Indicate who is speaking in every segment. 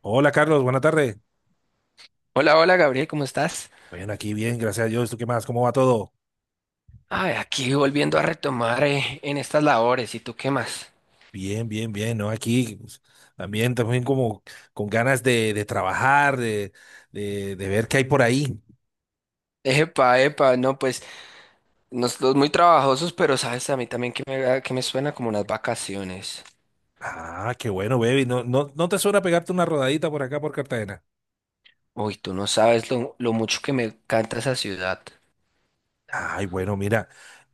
Speaker 1: Hola Carlos, buena tarde.
Speaker 2: Hola, Gabriel, ¿cómo estás?
Speaker 1: Bueno, aquí bien, gracias a Dios. ¿Tú qué más? ¿Cómo va todo?
Speaker 2: Ay, aquí volviendo a retomar en estas labores, ¿y tú qué más?
Speaker 1: Bien, bien, bien, ¿no? Aquí pues, también como con ganas de, trabajar, de ver qué hay por ahí.
Speaker 2: No, pues nosotros muy trabajosos, pero sabes a mí también que que me suena como unas vacaciones.
Speaker 1: Ah, qué bueno, baby. ¿No, no, no te suena pegarte una rodadita por acá por Cartagena?
Speaker 2: Uy, tú no sabes lo mucho que me encanta esa ciudad.
Speaker 1: Ay, bueno, mira,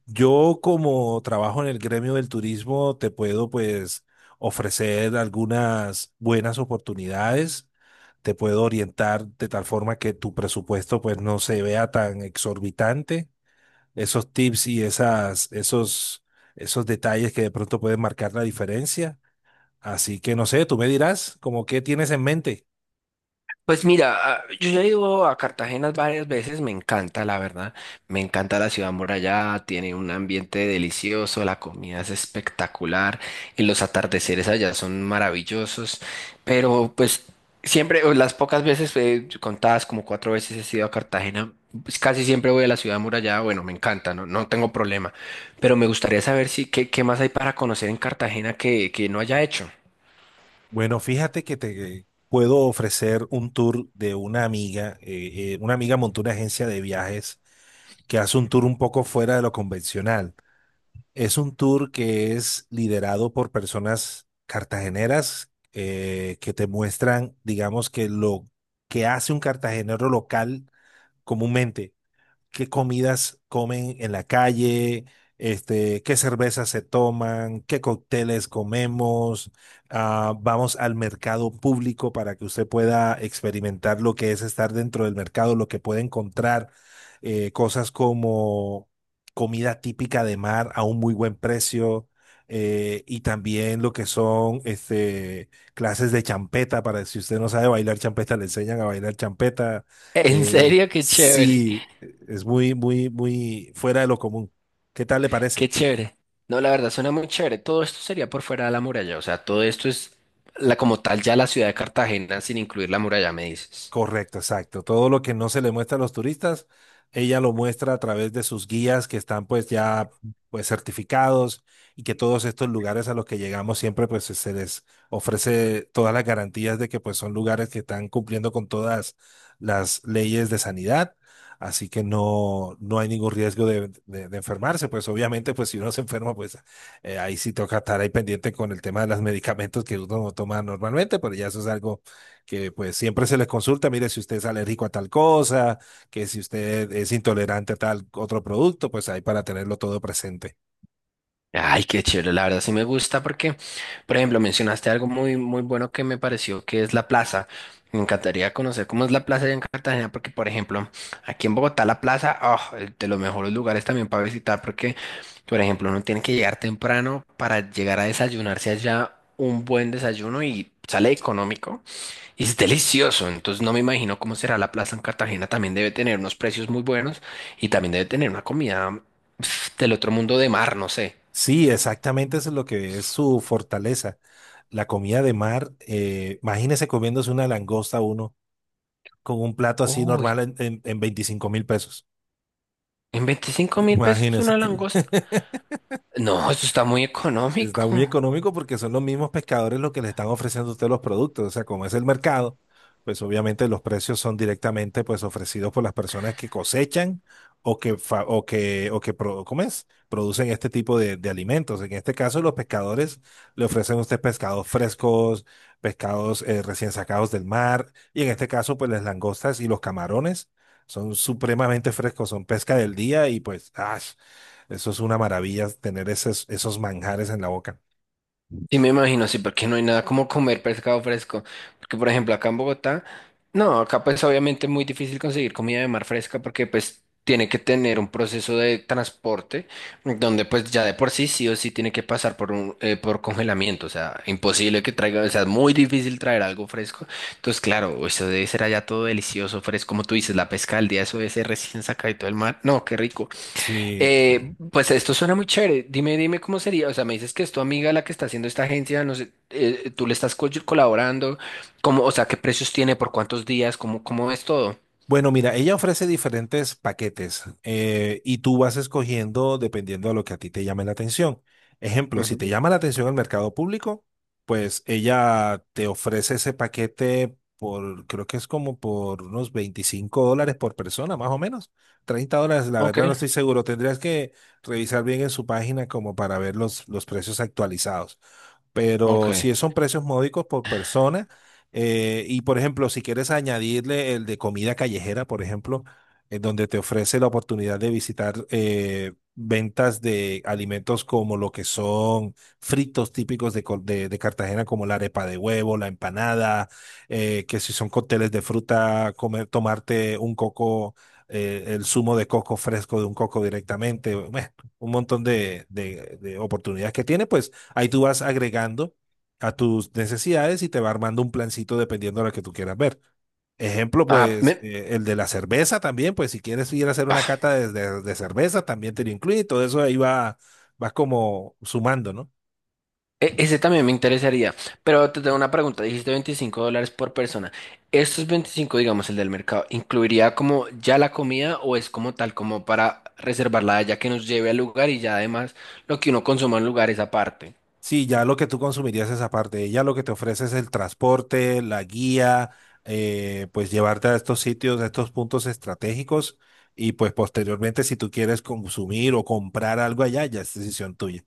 Speaker 1: yo como trabajo en el gremio del turismo, te puedo pues ofrecer algunas buenas oportunidades, te puedo orientar de tal forma que tu presupuesto pues no se vea tan exorbitante. Esos tips y esos detalles que de pronto pueden marcar la diferencia. Así que no sé, tú me dirás como qué tienes en mente.
Speaker 2: Pues mira, yo ya he ido a Cartagena varias veces, me encanta, la verdad. Me encanta la ciudad amurallada, tiene un ambiente delicioso, la comida es espectacular y los atardeceres allá son maravillosos. Pero pues siempre, o las pocas veces, contadas como 4 veces he ido a Cartagena, pues casi siempre voy a la ciudad amurallada. Bueno, me encanta, no, no tengo problema. Pero me gustaría saber si qué más hay para conocer en Cartagena que no haya hecho.
Speaker 1: Bueno, fíjate que te puedo ofrecer un tour de una amiga. Una amiga montó una agencia de viajes que hace un tour un poco fuera de lo convencional. Es un tour que es liderado por personas cartageneras, que te muestran, digamos, que lo que hace un cartagenero local comúnmente, qué comidas comen en la calle, qué cervezas se toman, qué cócteles comemos. Ah, vamos al mercado público para que usted pueda experimentar lo que es estar dentro del mercado, lo que puede encontrar, cosas como comida típica de mar a un muy buen precio. Y también lo que son, clases de champeta, para si usted no sabe bailar champeta, le enseñan a bailar champeta.
Speaker 2: En serio, qué chévere.
Speaker 1: Sí, es muy, muy, muy fuera de lo común. ¿Qué tal le parece?
Speaker 2: Qué chévere. No, la verdad suena muy chévere. Todo esto sería por fuera de la muralla. O sea, todo esto es la como tal ya la ciudad de Cartagena sin incluir la muralla, me dices.
Speaker 1: Correcto, exacto. Todo lo que no se le muestra a los turistas, ella lo muestra a través de sus guías que están pues ya pues certificados, y que todos estos lugares a los que llegamos siempre pues se les ofrece todas las garantías de que pues son lugares que están cumpliendo con todas las leyes de sanidad, así que no, no hay ningún riesgo de, de enfermarse. Pues obviamente, pues si uno se enferma, pues ahí sí toca estar ahí pendiente con el tema de los medicamentos que uno toma normalmente, pero ya eso es algo que pues siempre se les consulta. Mire, si usted es alérgico a tal cosa, que si usted es intolerante a tal otro producto, pues ahí para tenerlo todo presente.
Speaker 2: Ay, qué chévere. La verdad sí me gusta porque, por ejemplo, mencionaste algo muy bueno que me pareció que es la plaza. Me encantaría conocer cómo es la plaza allá en Cartagena porque, por ejemplo, aquí en Bogotá la plaza, oh, de los mejores lugares también para visitar porque, por ejemplo, uno tiene que llegar temprano para llegar a desayunarse allá un buen desayuno y sale económico. Y es delicioso, entonces no me imagino cómo será la plaza en Cartagena. También debe tener unos precios muy buenos y también debe tener una comida pf, del otro mundo de mar, no sé.
Speaker 1: Sí, exactamente eso es lo que es su fortaleza. La comida de mar, imagínese comiéndose una langosta uno con un plato así
Speaker 2: Uy,
Speaker 1: normal en, en 25 mil pesos.
Speaker 2: ¿en 25.000 pesos
Speaker 1: Imagínese.
Speaker 2: una langosta? No, eso está muy
Speaker 1: Está muy
Speaker 2: económico.
Speaker 1: económico porque son los mismos pescadores los que le están ofreciendo a usted los productos. O sea, como es el mercado, pues obviamente los precios son directamente pues ofrecidos por las personas que cosechan, o que, fa- o que pro- ¿cómo es? Producen este tipo de, alimentos. En este caso, los pescadores le ofrecen a usted pescados frescos, pescados, recién sacados del mar, y en este caso, pues las langostas y los camarones son supremamente frescos, son pesca del día y pues, ¡ah! Eso es una maravilla tener esos, manjares en la boca.
Speaker 2: Sí, me imagino, sí, porque no hay nada como comer pescado fresco. Porque, por ejemplo, acá en Bogotá, no, acá pues obviamente es muy difícil conseguir comida de mar fresca porque pues tiene que tener un proceso de transporte donde pues ya de por sí sí o sí tiene que pasar por un por congelamiento. O sea, imposible que traiga, o sea, es muy difícil traer algo fresco. Entonces, claro, eso debe ser allá todo delicioso, fresco, como tú dices, la pesca al día, eso debe ser recién sacado del mar. No, qué rico.
Speaker 1: Sí.
Speaker 2: Pues esto suena muy chévere. Dime cómo sería. O sea, me dices que es tu amiga la que está haciendo esta agencia, no sé, tú le estás colaborando, cómo, o sea, qué precios tiene, por cuántos días, cómo, cómo es todo.
Speaker 1: Bueno, mira, ella ofrece diferentes paquetes, y tú vas escogiendo dependiendo de lo que a ti te llame la atención. Ejemplo, si te
Speaker 2: Ujú.
Speaker 1: llama la atención el mercado público, pues ella te ofrece ese paquete por, creo que es como por unos 25 dólares por persona, más o menos. 30 dólares, la
Speaker 2: Ok,
Speaker 1: verdad no estoy seguro. Tendrías que revisar bien en su página como para ver los, precios actualizados.
Speaker 2: ok.
Speaker 1: Pero sí son precios módicos por persona. Y por ejemplo, si quieres añadirle el de comida callejera, por ejemplo, en donde te ofrece la oportunidad de visitar, ventas de alimentos como lo que son fritos típicos de Cartagena, como la arepa de huevo, la empanada, que si son cócteles de fruta, comer, tomarte un coco, el zumo de coco fresco de un coco directamente. Bueno, un montón de oportunidades que tiene, pues. Ahí tú vas agregando a tus necesidades y te va armando un plancito dependiendo de lo que tú quieras ver. Ejemplo,
Speaker 2: Ah,
Speaker 1: pues,
Speaker 2: me-
Speaker 1: el de la cerveza también, pues si quieres ir a hacer una
Speaker 2: ah,
Speaker 1: cata de cerveza, también te lo incluye. Todo eso ahí va, vas como sumando, ¿no?
Speaker 2: ese también me interesaría. Pero te tengo una pregunta. Dijiste 25 dólares por persona. ¿Estos 25, digamos, el del mercado, incluiría como ya la comida o es como tal, como para reservarla ya que nos lleve al lugar y ya además lo que uno consuma en lugares aparte?
Speaker 1: Sí, ya lo que tú consumirías es aparte, ya lo que te ofrece es el transporte, la guía, pues llevarte a estos sitios, a estos puntos estratégicos, y pues posteriormente si tú quieres consumir o comprar algo allá, ya es decisión tuya.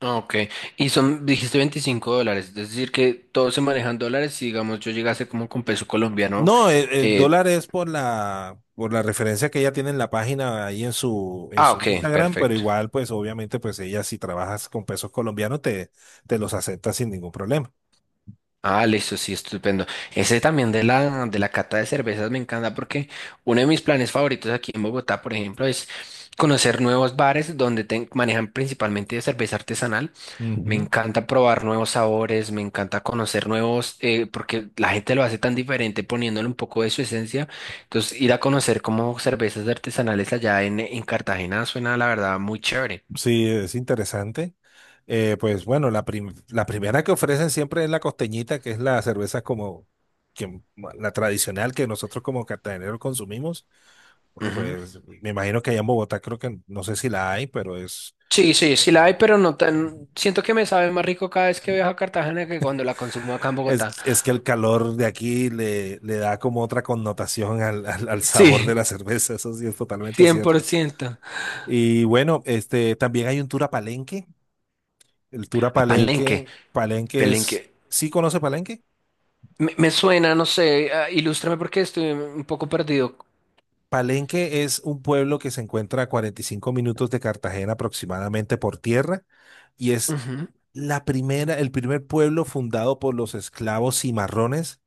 Speaker 2: Ah, ok, y son, dijiste 25 dólares, es decir, que todo se manejan dólares, si digamos yo llegase como con peso colombiano,
Speaker 1: No, el
Speaker 2: eh,
Speaker 1: dólar es por la referencia que ella tiene en la página ahí en su
Speaker 2: ok,
Speaker 1: Instagram, pero
Speaker 2: perfecto.
Speaker 1: igual, pues obviamente, pues ella si trabajas con pesos colombianos te, los acepta sin ningún problema.
Speaker 2: Ah, listo, sí, estupendo. Ese también de de la cata de cervezas me encanta porque uno de mis planes favoritos aquí en Bogotá, por ejemplo, es conocer nuevos bares donde manejan principalmente de cerveza artesanal. Me
Speaker 1: Ujú.
Speaker 2: encanta probar nuevos sabores, me encanta conocer nuevos, porque la gente lo hace tan diferente poniéndole un poco de su esencia. Entonces, ir a conocer como cervezas artesanales allá en Cartagena suena, la verdad, muy chévere.
Speaker 1: Sí, es interesante. Pues bueno, la primera que ofrecen siempre es la costeñita, que es la cerveza como que, la tradicional que nosotros como cartageneros consumimos. Por-
Speaker 2: Ujú.
Speaker 1: Pues me imagino que allá en Bogotá, creo que no sé si la hay, pero es,
Speaker 2: Sí, sí, sí la hay, pero no tan. Siento que me sabe más rico cada vez que viajo a Cartagena que cuando la consumo acá en
Speaker 1: es,
Speaker 2: Bogotá.
Speaker 1: es que el calor de aquí le, da como otra connotación al, al sabor de
Speaker 2: Sí,
Speaker 1: la cerveza, eso sí es totalmente
Speaker 2: cien por
Speaker 1: cierto.
Speaker 2: ciento.
Speaker 1: Y bueno, también hay un tour a Palenque. El tour a
Speaker 2: A Palenque,
Speaker 1: Palenque. Palenque
Speaker 2: Palenque.
Speaker 1: es, ¿sí conoce Palenque?
Speaker 2: Me suena, no sé, ah, ilústrame porque estoy un poco perdido.
Speaker 1: Palenque es un pueblo que se encuentra a 45 minutos de Cartagena aproximadamente por tierra, y es
Speaker 2: Ujú,
Speaker 1: el primer pueblo fundado por los esclavos cimarrones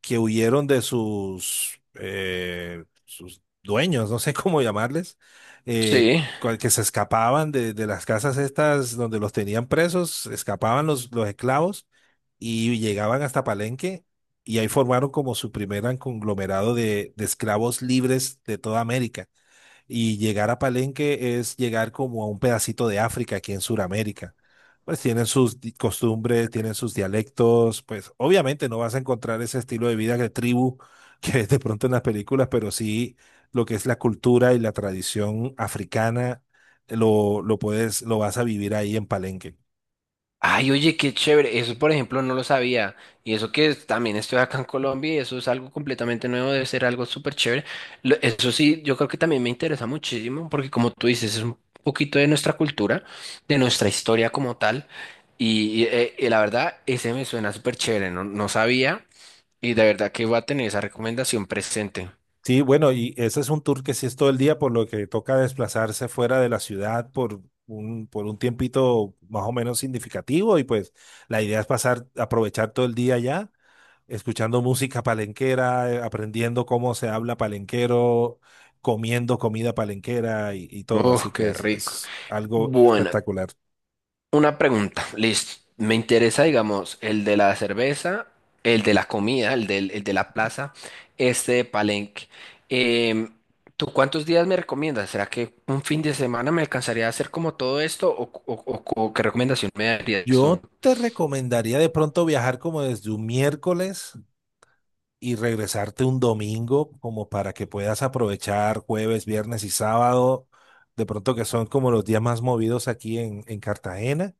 Speaker 1: que huyeron de sus, sus dueños, no sé cómo llamarles. eh,
Speaker 2: sí.
Speaker 1: que se escapaban de, las casas estas donde los tenían presos, escapaban los, esclavos, y llegaban hasta Palenque, y ahí formaron como su primer conglomerado de, esclavos libres de toda América. Y llegar a Palenque es llegar como a un pedacito de África aquí en Sudamérica. Pues tienen sus costumbres, tienen sus dialectos. Pues obviamente no vas a encontrar ese estilo de vida de tribu que ves de pronto en las películas, pero sí lo que es la cultura y la tradición africana, lo vas a vivir ahí en Palenque.
Speaker 2: Ay, oye, qué chévere. Eso, por ejemplo, no lo sabía. Y eso que es- también estoy acá en Colombia y eso es algo completamente nuevo, debe ser algo súper chévere. Lo- Eso sí, yo creo que también me interesa muchísimo porque como tú dices, es un poquito de nuestra cultura, de nuestra historia como tal. Y la verdad, ese me suena súper chévere. No, no sabía y de verdad que voy a tener esa recomendación presente.
Speaker 1: Sí, bueno, y ese es un tour que sí es todo el día, por lo que toca desplazarse fuera de la ciudad por un tiempito más o menos significativo, y pues la idea es pasar, aprovechar todo el día allá, escuchando música palenquera, aprendiendo cómo se habla palenquero, comiendo comida palenquera y, todo,
Speaker 2: Oh,
Speaker 1: así que
Speaker 2: qué
Speaker 1: es,
Speaker 2: rico.
Speaker 1: algo
Speaker 2: Bueno,
Speaker 1: espectacular.
Speaker 2: una pregunta, listo. Me interesa, digamos, el de la cerveza, el de la comida, el de la plaza, este de Palenque. Em, ¿tú cuántos días me recomiendas? ¿Será que un fin de semana me alcanzaría a hacer como todo esto? ¿O, o qué recomendación me darías tú?
Speaker 1: Yo te recomendaría de pronto viajar como desde un miércoles y regresarte un domingo, como para que puedas aprovechar jueves, viernes y sábado, de pronto que son como los días más movidos aquí en, Cartagena,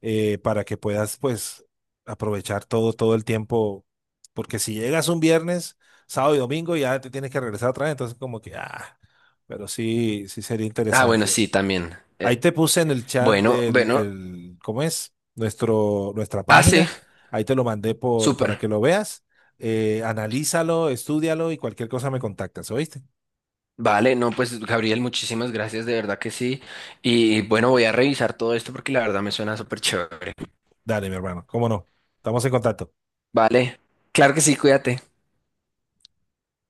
Speaker 1: para que puedas pues aprovechar todo, el tiempo, porque si llegas un viernes, sábado y domingo ya te tienes que regresar otra vez, entonces como que, ah, pero sí, sí sería
Speaker 2: Ah, bueno,
Speaker 1: interesante.
Speaker 2: sí, también.
Speaker 1: Ahí
Speaker 2: Eh,
Speaker 1: te puse en el chat
Speaker 2: bueno, bueno.
Speaker 1: ¿cómo es? Nuestra
Speaker 2: Ah, sí,
Speaker 1: página. Ahí te lo mandé por,
Speaker 2: súper.
Speaker 1: para que lo veas. Analízalo, estúdialo, y cualquier cosa me contactas, ¿oíste?
Speaker 2: Vale, no, pues Gabriel, muchísimas gracias, de verdad que sí. Y bueno, voy a revisar todo esto porque la verdad me suena súper chévere.
Speaker 1: Dale, mi hermano, cómo no. Estamos en contacto.
Speaker 2: Vale, claro que sí, cuídate.